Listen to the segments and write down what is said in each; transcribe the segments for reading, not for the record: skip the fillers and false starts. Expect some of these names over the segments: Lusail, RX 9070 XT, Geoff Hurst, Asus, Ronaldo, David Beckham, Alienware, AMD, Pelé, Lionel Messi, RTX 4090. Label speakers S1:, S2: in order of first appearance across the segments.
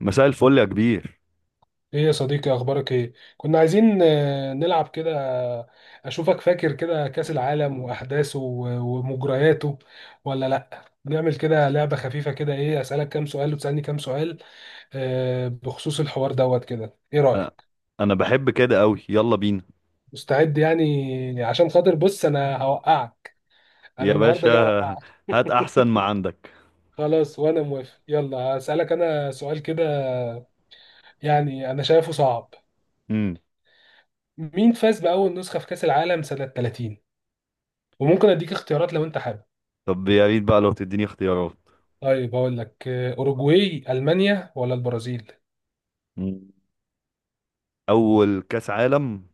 S1: مساء الفل يا كبير.
S2: ايه يا صديقي، اخبارك ايه؟ كنا عايزين نلعب كده. اشوفك فاكر كده كاس العالم واحداثه ومجرياته، ولا لا نعمل كده لعبة خفيفة كده، ايه اسالك كام سؤال وتسالني كام سؤال؟ بخصوص الحوار دوت كده ايه
S1: أ-
S2: رايك؟
S1: انا بحب كده قوي، يلا بينا.
S2: مستعد يعني، عشان خاطر بص انا هوقعك.
S1: يا
S2: انا النهارده
S1: باشا،
S2: جاي اوقعك
S1: هات احسن ما عندك.
S2: خلاص وانا موافق. يلا اسالك انا سؤال كده، يعني انا شايفه صعب.
S1: امم
S2: مين فاز باول نسخة في كاس العالم سنة 30؟ وممكن اديك اختيارات لو انت حابب.
S1: طب يا ريت بقى لو تديني اختيارات.
S2: طيب هقول لك اوروجواي، المانيا ولا البرازيل؟
S1: مم. اول كاس عالم.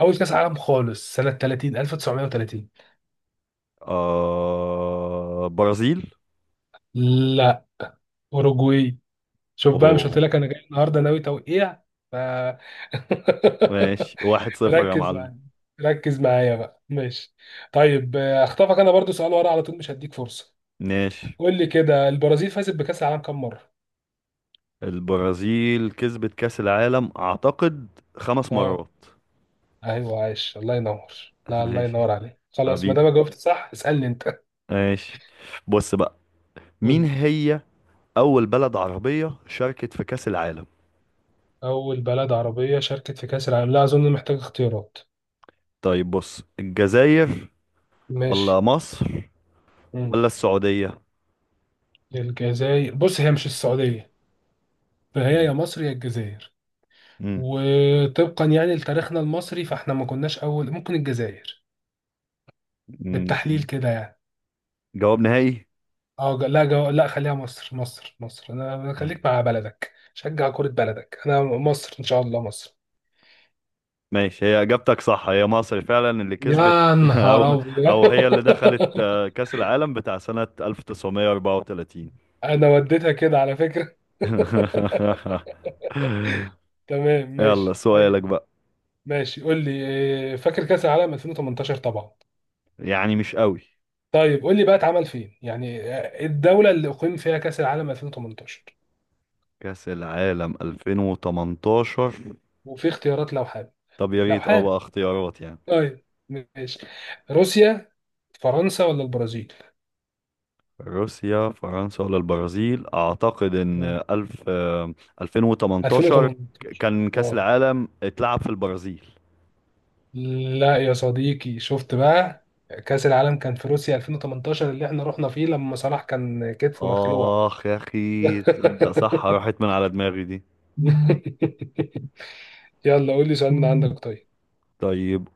S2: اول كاس عالم خالص سنه 30، 1930.
S1: برازيل.
S2: لا، اوروجواي. شوف بقى، مش قلت
S1: اوه.
S2: لك انا جاي النهارده ناوي توقيع؟ ف
S1: ماشي، 1-0 يا
S2: ركز
S1: معلم.
S2: معايا ركز معايا بقى، ماشي. طيب هخطفك انا برضو سؤال ورا على طول، مش هديك فرصه.
S1: ماشي.
S2: قول لي كده، البرازيل فازت بكاس العالم كام مره؟
S1: البرازيل كسبت كاس العالم اعتقد خمس
S2: اه،
S1: مرات
S2: ايوه، عايش، الله ينور. لا، الله
S1: ماشي.
S2: ينور عليك. خلاص، ما
S1: حبيبي،
S2: دام جاوبت صح اسالني انت.
S1: ماشي، بص بقى. مين هي اول بلد عربية شاركت في كاس العالم؟
S2: أول بلد عربية شاركت في كأس العالم؟ لا أظن محتاج اختيارات.
S1: طيب بص، الجزائر ولا
S2: ماشي.
S1: مصر
S2: مم.
S1: ولا السعودية؟
S2: الجزائر، بص هي مش السعودية، فهي يا مصر يا الجزائر.
S1: مم.
S2: وطبقا يعني لتاريخنا المصري، فاحنا ما كناش أول، ممكن الجزائر،
S1: مم.
S2: بالتحليل كده يعني.
S1: جواب نهائي.
S2: اه، لا، لا، خليها مصر. انا خليك مع بلدك، شجع كرة بلدك. انا مصر، ان شاء الله مصر.
S1: ماشي، هي اجابتك صح، هي مصر فعلا اللي كسبت.
S2: يا نهار
S1: او
S2: ابيض
S1: او هي اللي دخلت كأس العالم بتاع سنة 1934.
S2: انا وديتها كده على فكرة تمام
S1: يلا
S2: ماشي
S1: سؤالك
S2: طيب.
S1: بقى.
S2: ماشي قول لي. فاكر كأس العالم 2018 طبعا؟
S1: يعني مش قوي.
S2: طيب قول لي بقى، اتعمل فين يعني، الدولة اللي أقيم فيها كأس العالم 2018؟
S1: كأس العالم 2018؟
S2: وفي اختيارات لو حابب،
S1: طب يا
S2: لو
S1: ريت اه
S2: حابب.
S1: بقى اختيارات يعني.
S2: طيب ماشي، روسيا، فرنسا ولا البرازيل؟
S1: روسيا، فرنسا ولا البرازيل؟ اعتقد ان
S2: آه.
S1: الف آه، 2018
S2: 2018.
S1: كان كأس
S2: اه،
S1: العالم اتلعب في البرازيل.
S2: لا يا صديقي، شفت بقى؟ كأس العالم كان في روسيا 2018، اللي احنا رحنا فيه لما صلاح كان كتفه مخلوع.
S1: اخ يا اخي، تصدق صح راحت من على دماغي دي.
S2: يلا قول لي سؤال من عندك.
S1: طيب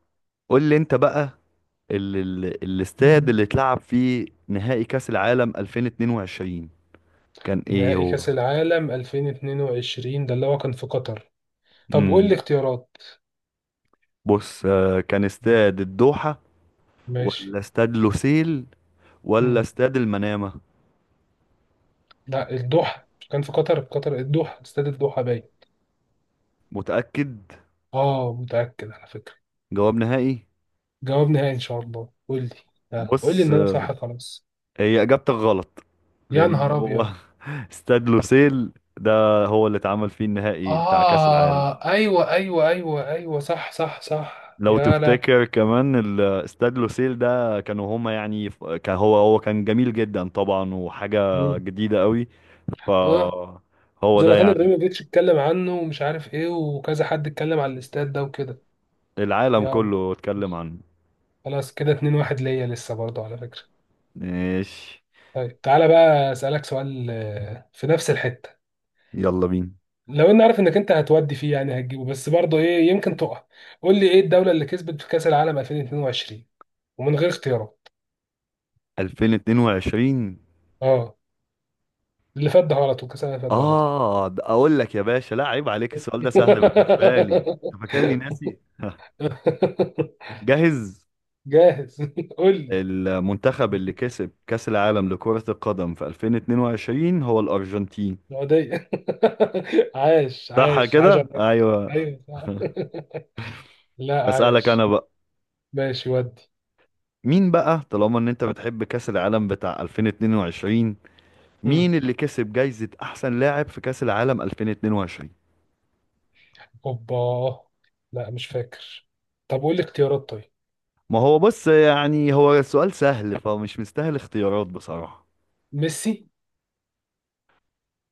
S1: قول لي انت بقى، ال الاستاد
S2: طيب.
S1: اللي اتلعب فيه نهائي كأس العالم 2022 كان ايه
S2: نهائي
S1: هو؟
S2: كأس العالم 2022، ده اللي هو كان في قطر. طب قول لي
S1: امم
S2: اختيارات.
S1: بص، كان استاد الدوحة
S2: ماشي.
S1: ولا استاد لوسيل ولا
S2: مم.
S1: استاد المنامة؟
S2: لا، الدوحة، مش كان في قطر؟ في قطر الدوحة، استاد الدوحة باين.
S1: متأكد؟
S2: اه متأكد على فكرة.
S1: جواب نهائي.
S2: جواب نهائي ان شاء الله. قول لي. قول لي
S1: بص،
S2: ان انا صح خلاص.
S1: هي اجابتك غلط،
S2: يا
S1: لان
S2: نهار
S1: هو
S2: ابيض.
S1: استاد لوسيل ده هو اللي اتعمل فيه النهائي بتاع كأس العالم.
S2: اه ايوه ايوه ايوه ايوه صح صح صح،
S1: لو
S2: يا لا.
S1: تفتكر كمان استاد لوسيل ده، كانوا هما يعني كان هو كان جميل جدا طبعا، وحاجة
S2: مم.
S1: جديدة قوي.
S2: اه،
S1: فهو ده
S2: زلاتان
S1: يعني.
S2: ابراهيموفيتش اتكلم عنه، ومش عارف ايه، وكذا حد اتكلم على الاستاد ده وكده.
S1: العالم
S2: يا،
S1: كله اتكلم عنه.
S2: خلاص كده اتنين واحد ليا لسه برضه على فكرة.
S1: ماشي.
S2: طيب تعالى بقى أسألك سؤال في نفس الحتة.
S1: يلا بينا.
S2: لو اني عارف انك انت هتودي فيه، يعني هتجيبه، بس برضه ايه، يمكن تقع. قول لي ايه الدولة اللي كسبت في كأس العالم 2022، ومن غير اختيارات.
S1: 2022.
S2: اه، اللي فات ده غلط، وكأس العالم اللي فات ده غلط.
S1: اه، ده اقول لك يا باشا، لا عيب عليك، السؤال ده سهل بالنسبة لي، انت فاكرني ناسي؟ جاهز.
S2: جاهز. قول لي.
S1: المنتخب اللي كسب كأس العالم لكرة القدم في 2022 هو الأرجنتين.
S2: السعودية. عاش
S1: صح
S2: عاش عاش
S1: كده؟
S2: على-
S1: أيوه.
S2: ايوه صح لا
S1: أسألك أنا
S2: عايش.
S1: بقى.
S2: ماشي ودي.
S1: مين بقى طالما إن أنت بتحب كأس العالم بتاع 2022؟
S2: مم.
S1: مين اللي كسب جايزة أحسن لاعب في كأس العالم 2022؟
S2: اوبا، لا مش فاكر. طب قول لي اختيارات طيب.
S1: ما هو بص، يعني هو السؤال سهل فمش مستاهل اختيارات بصراحة.
S2: ميسي.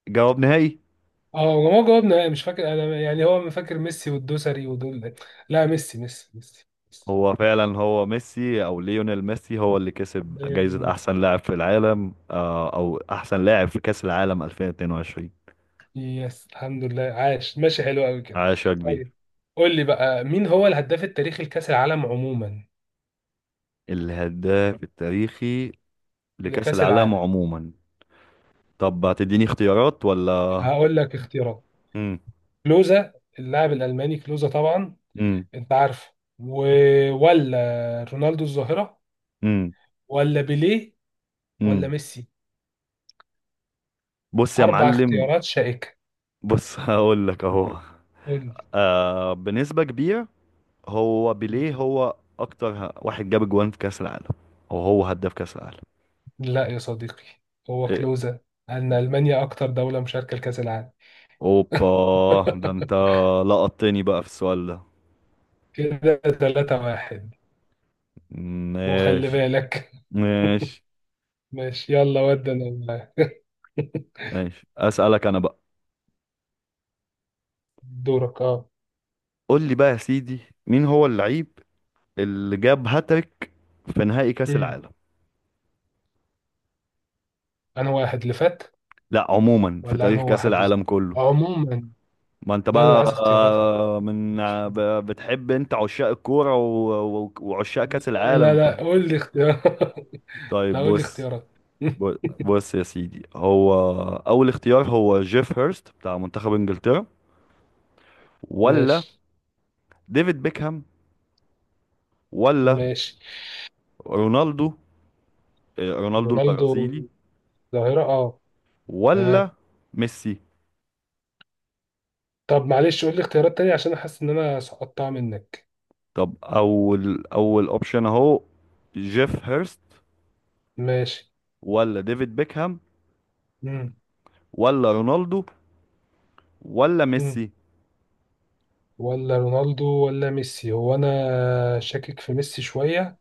S1: جواب نهائي.
S2: اه، ما هو جاوبنا، لا مش فاكر انا يعني، هو ما فاكر ميسي والدوسري ودول. لا ميسي ميسي ميسي ميسي.
S1: هو فعلا هو ميسي، او ليونيل ميسي، هو اللي كسب
S2: زي اللي
S1: جايزة
S2: ميسي.
S1: احسن لاعب في العالم، او احسن لاعب في كأس العالم 2022.
S2: يس الحمد لله، عاش، ماشي حلو قوي كده.
S1: عاش يا
S2: طيب
S1: كبير.
S2: قول لي بقى، مين هو الهداف التاريخي لكأس العالم عموما؟
S1: الهداف التاريخي لكأس
S2: لكأس
S1: العالم
S2: العالم.
S1: عموما. طب هتديني اختيارات ولا؟
S2: هقول لك اختيارات.
S1: امم.
S2: كلوزا، اللاعب الألماني كلوزا طبعا،
S1: امم.
S2: انت عارفه. و... ولا رونالدو الظاهرة،
S1: امم.
S2: ولا بيليه، ولا
S1: امم.
S2: ميسي؟
S1: بص يا
S2: أربع
S1: معلم،
S2: اختيارات شائكة.
S1: بص، هقول لك اهو.
S2: قول لي.
S1: بنسبة كبيرة هو بيليه، هو اكتر واحد جاب جوان في كأس العالم، وهو هداف كأس
S2: لا يا صديقي، هو
S1: العالم.
S2: كلوزة، أن ألمانيا أكتر دولة مشاركة لكأس العالم.
S1: اوبا، ده انت لقطتني بقى في السؤال ده.
S2: كده ثلاثة واحد. وخلي
S1: ماشي.
S2: بالك.
S1: ماشي.
S2: ماشي يلا ودي أنا معاك.
S1: ماشي، اسألك انا بقى.
S2: دورك أه.
S1: قول لي بقى يا سيدي، مين هو اللعيب اللي جاب هاتريك في نهائي كأس
S2: مم.
S1: العالم؟
S2: أنا واحد اللي فات،
S1: لا، عموما في
S2: ولا أنا
S1: تاريخ
S2: هو
S1: كأس
S2: واحد بالظبط؟
S1: العالم كله.
S2: عموما.
S1: ما انت
S2: لا أنا
S1: بقى
S2: عايز اختيارات حبيبي.
S1: من
S2: ماشي.
S1: بتحب انت عشاق الكورة وعشاق كأس
S2: لا لا
S1: العالم ف.
S2: لا قول لي اختيارات لا
S1: طيب
S2: قول لي
S1: بص،
S2: اختيارات
S1: بص بص يا سيدي، هو اول اختيار هو جيف هيرست بتاع منتخب انجلترا، ولا
S2: ماشي.
S1: ديفيد بيكهام، ولا
S2: ماشي.
S1: رونالدو، رونالدو
S2: رونالدو،
S1: البرازيلي،
S2: ظاهرة أه.
S1: ولا
S2: تمام.
S1: ميسي؟
S2: طب معلش قول لي اختيارات تانية، عشان احس ان انا سقطتها منك.
S1: طب اول اوبشن اهو جيف هيرست
S2: ماشي.
S1: ولا ديفيد بيكهام
S2: مم.
S1: ولا رونالدو ولا
S2: مم.
S1: ميسي؟
S2: ولا رونالدو ولا ميسي. هو انا شاكك في ميسي شوية.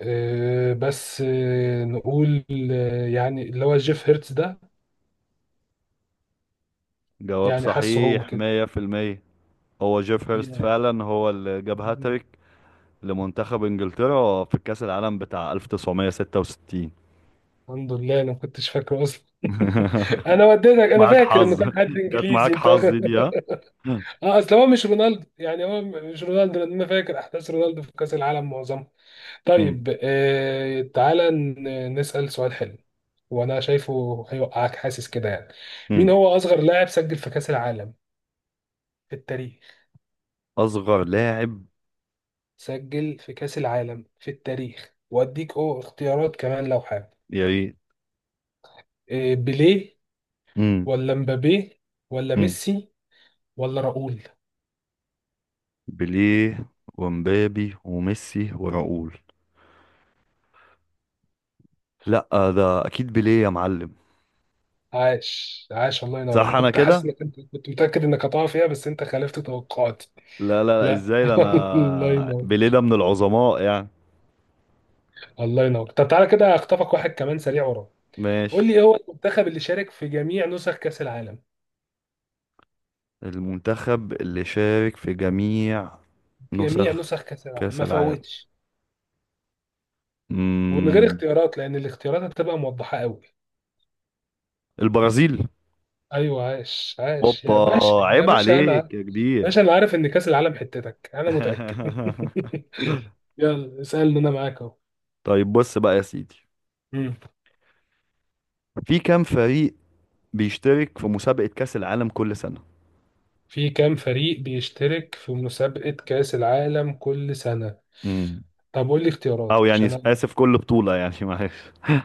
S2: أه بس أه، نقول يعني اللي هو جيف هيرتز ده.
S1: جواب
S2: يعني حاسه هو
S1: صحيح
S2: كده.
S1: 100%. هو جيف هيرست
S2: يا.
S1: فعلا هو اللي جاب
S2: مم.
S1: هاتريك لمنتخب انجلترا في كأس العالم بتاع 1966.
S2: الحمد لله انا ما كنتش فاكره اصلا. انا وديتك. انا
S1: معاك
S2: فاكر انه
S1: حظ،
S2: كان حد
S1: جت
S2: انجليزي
S1: معاك
S2: انت
S1: حظ
S2: واخد.
S1: دي ها.
S2: اه، اصل هو مش رونالدو يعني، هو مش رونالدو، لان انا فاكر احداث رونالدو في كاس العالم معظمها.
S1: مم.
S2: طيب تعالى نسأل سؤال حلو. وانا شايفه هيوقعك، حاسس كده يعني. مين
S1: مم.
S2: هو اصغر لاعب سجل في كأس العالم في التاريخ؟
S1: اصغر لاعب.
S2: سجل في كأس العالم في التاريخ، واديك او اختيارات كمان لو حابب.
S1: يا ريت.
S2: آه، بيليه،
S1: امم.
S2: ولا مبابي، ولا
S1: امم.
S2: ميسي، ولا راؤول؟
S1: بيليه ومبابي وميسي وراؤول؟ لا، ده اكيد بيليه يا معلم.
S2: عاش عاش الله ينور. انا
S1: صح، انا
S2: كنت حاسس
S1: كده.
S2: انك انت كنت متأكد انك هتقع فيها، بس انت خالفت توقعاتي.
S1: لا لا لا،
S2: لا
S1: ازاي؟ ده
S2: الله
S1: انا
S2: ينور.
S1: بيليه ده من العظماء يعني.
S2: الله ينور. طب تعالى كده اخطفك واحد كمان سريع ورا. قول لي
S1: ماشي.
S2: إيه هو المنتخب اللي شارك في جميع نسخ كأس العالم؟
S1: المنتخب اللي شارك في جميع
S2: جميع
S1: نسخ
S2: نسخ كأس العالم،
S1: كأس
S2: ما
S1: العالم.
S2: فوتش، ومن غير
S1: امم.
S2: اختيارات لأن الاختيارات هتبقى موضحة قوي.
S1: البرازيل.
S2: أيوه عاش عاش
S1: اوبا،
S2: يا باشا، يا
S1: عيب
S2: باشا أنا
S1: عليك يا كبير.
S2: باشا. أنا عارف إن كأس العالم حتتك أنا متأكد يلا اسألني أنا معاك أهو.
S1: طيب بص بقى يا سيدي،
S2: مم.
S1: في كام فريق بيشترك في مسابقة كأس العالم كل سنة؟
S2: في كام فريق بيشترك في مسابقة كأس العالم كل سنة؟
S1: امم
S2: طب قول لي اختيارات
S1: او يعني
S2: عشان أنا.
S1: اسف، كل بطولة يعني، معلش.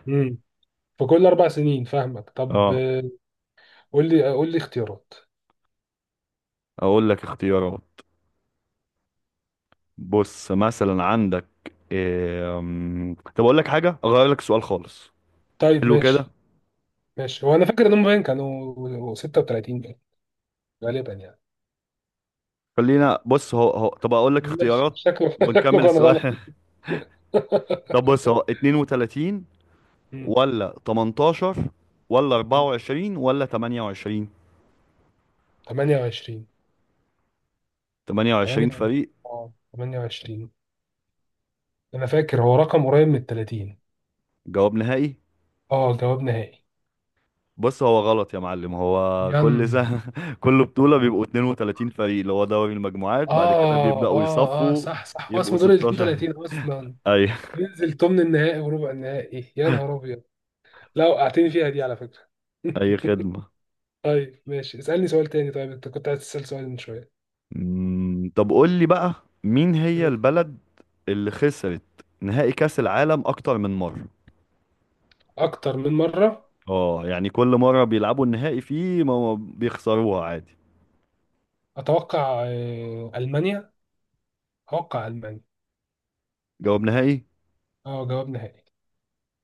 S2: مم. في كل أربع سنين، فاهمك. طب
S1: اه.
S2: قول لي اختيارات
S1: اقول لك اختيارات. بص مثلا عندك إيه... أم، طب اقول لك حاجة، اغير لك السؤال خالص.
S2: طيب.
S1: حلو كده.
S2: ماشي. ماشي، هو انا فاكر ان هم باين كانوا 36، باين غالبا يعني.
S1: خلينا بص، هو هو طب اقول لك
S2: ماشي
S1: اختيارات
S2: شكله شكله
S1: ونكمل
S2: كان غلط.
S1: السؤال. طب بص، هو 32
S2: مم.
S1: ولا 18 ولا
S2: مم.
S1: 24 ولا 28؟
S2: 28.
S1: 28
S2: 8.
S1: فريق.
S2: اه، 28. انا فاكر هو رقم قريب من ال 30.
S1: جواب نهائي.
S2: اه جواب نهائي.
S1: بص هو غلط يا معلم، هو
S2: ين،
S1: كل سنة، كل بطولة بيبقوا 32 فريق اللي هو دوري المجموعات، بعد كده
S2: اه
S1: بيبدأوا
S2: اه اه
S1: يصفوا،
S2: صح صح، هو
S1: يبقوا
S2: اسمه دور ال
S1: 16.
S2: 32 اصلا.
S1: أي
S2: ينزل ثمن النهائي وربع النهائي. يا نهار ابيض، لا وقعتني فيها دي على فكرة.
S1: أي خدمة.
S2: طيب ماشي. اسألني سؤال تاني. طيب انت كنت عايز تسأل سؤال من شوية.
S1: طب قول لي بقى، مين هي
S2: مم.
S1: البلد اللي خسرت نهائي كأس العالم أكتر من مرة؟
S2: اكتر من مرة.
S1: اه يعني كل مرة بيلعبوا النهائي فيه ما بيخسروها عادي.
S2: اتوقع المانيا، اتوقع المانيا.
S1: جواب نهائي.
S2: اه جواب نهائي.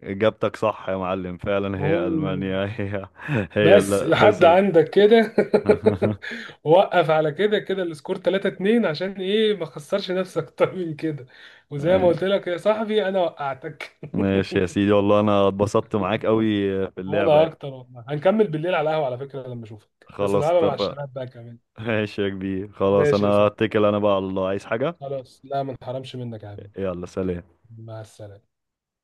S1: إجابتك صح يا معلم، فعلا هي
S2: اوه.
S1: ألمانيا، هي هي
S2: بس
S1: اللي
S2: لحد
S1: خسرت.
S2: عندك كده وقف على كده كده، السكور 3-2، عشان ايه ما خسرش نفسك اكتر من كده. وزي ما قلت لك يا صاحبي، انا وقعتك
S1: ماشي يا سيدي، والله انا اتبسطت معاك قوي في اللعبة
S2: وانا
S1: يعني.
S2: اكتر والله. هنكمل بالليل على القهوه على فكره لما اشوفك، بس
S1: خلاص،
S2: نلعبها مع
S1: اتفق.
S2: الشباب بقى كمان.
S1: ماشي يا كبير، خلاص
S2: ماشي
S1: انا
S2: يا صاحبي.
S1: هتكل انا بقى على الله، عايز حاجة.
S2: خلاص، لا ما نحرمش منك يا حبيبي.
S1: يلا سلام.
S2: مع السلامه.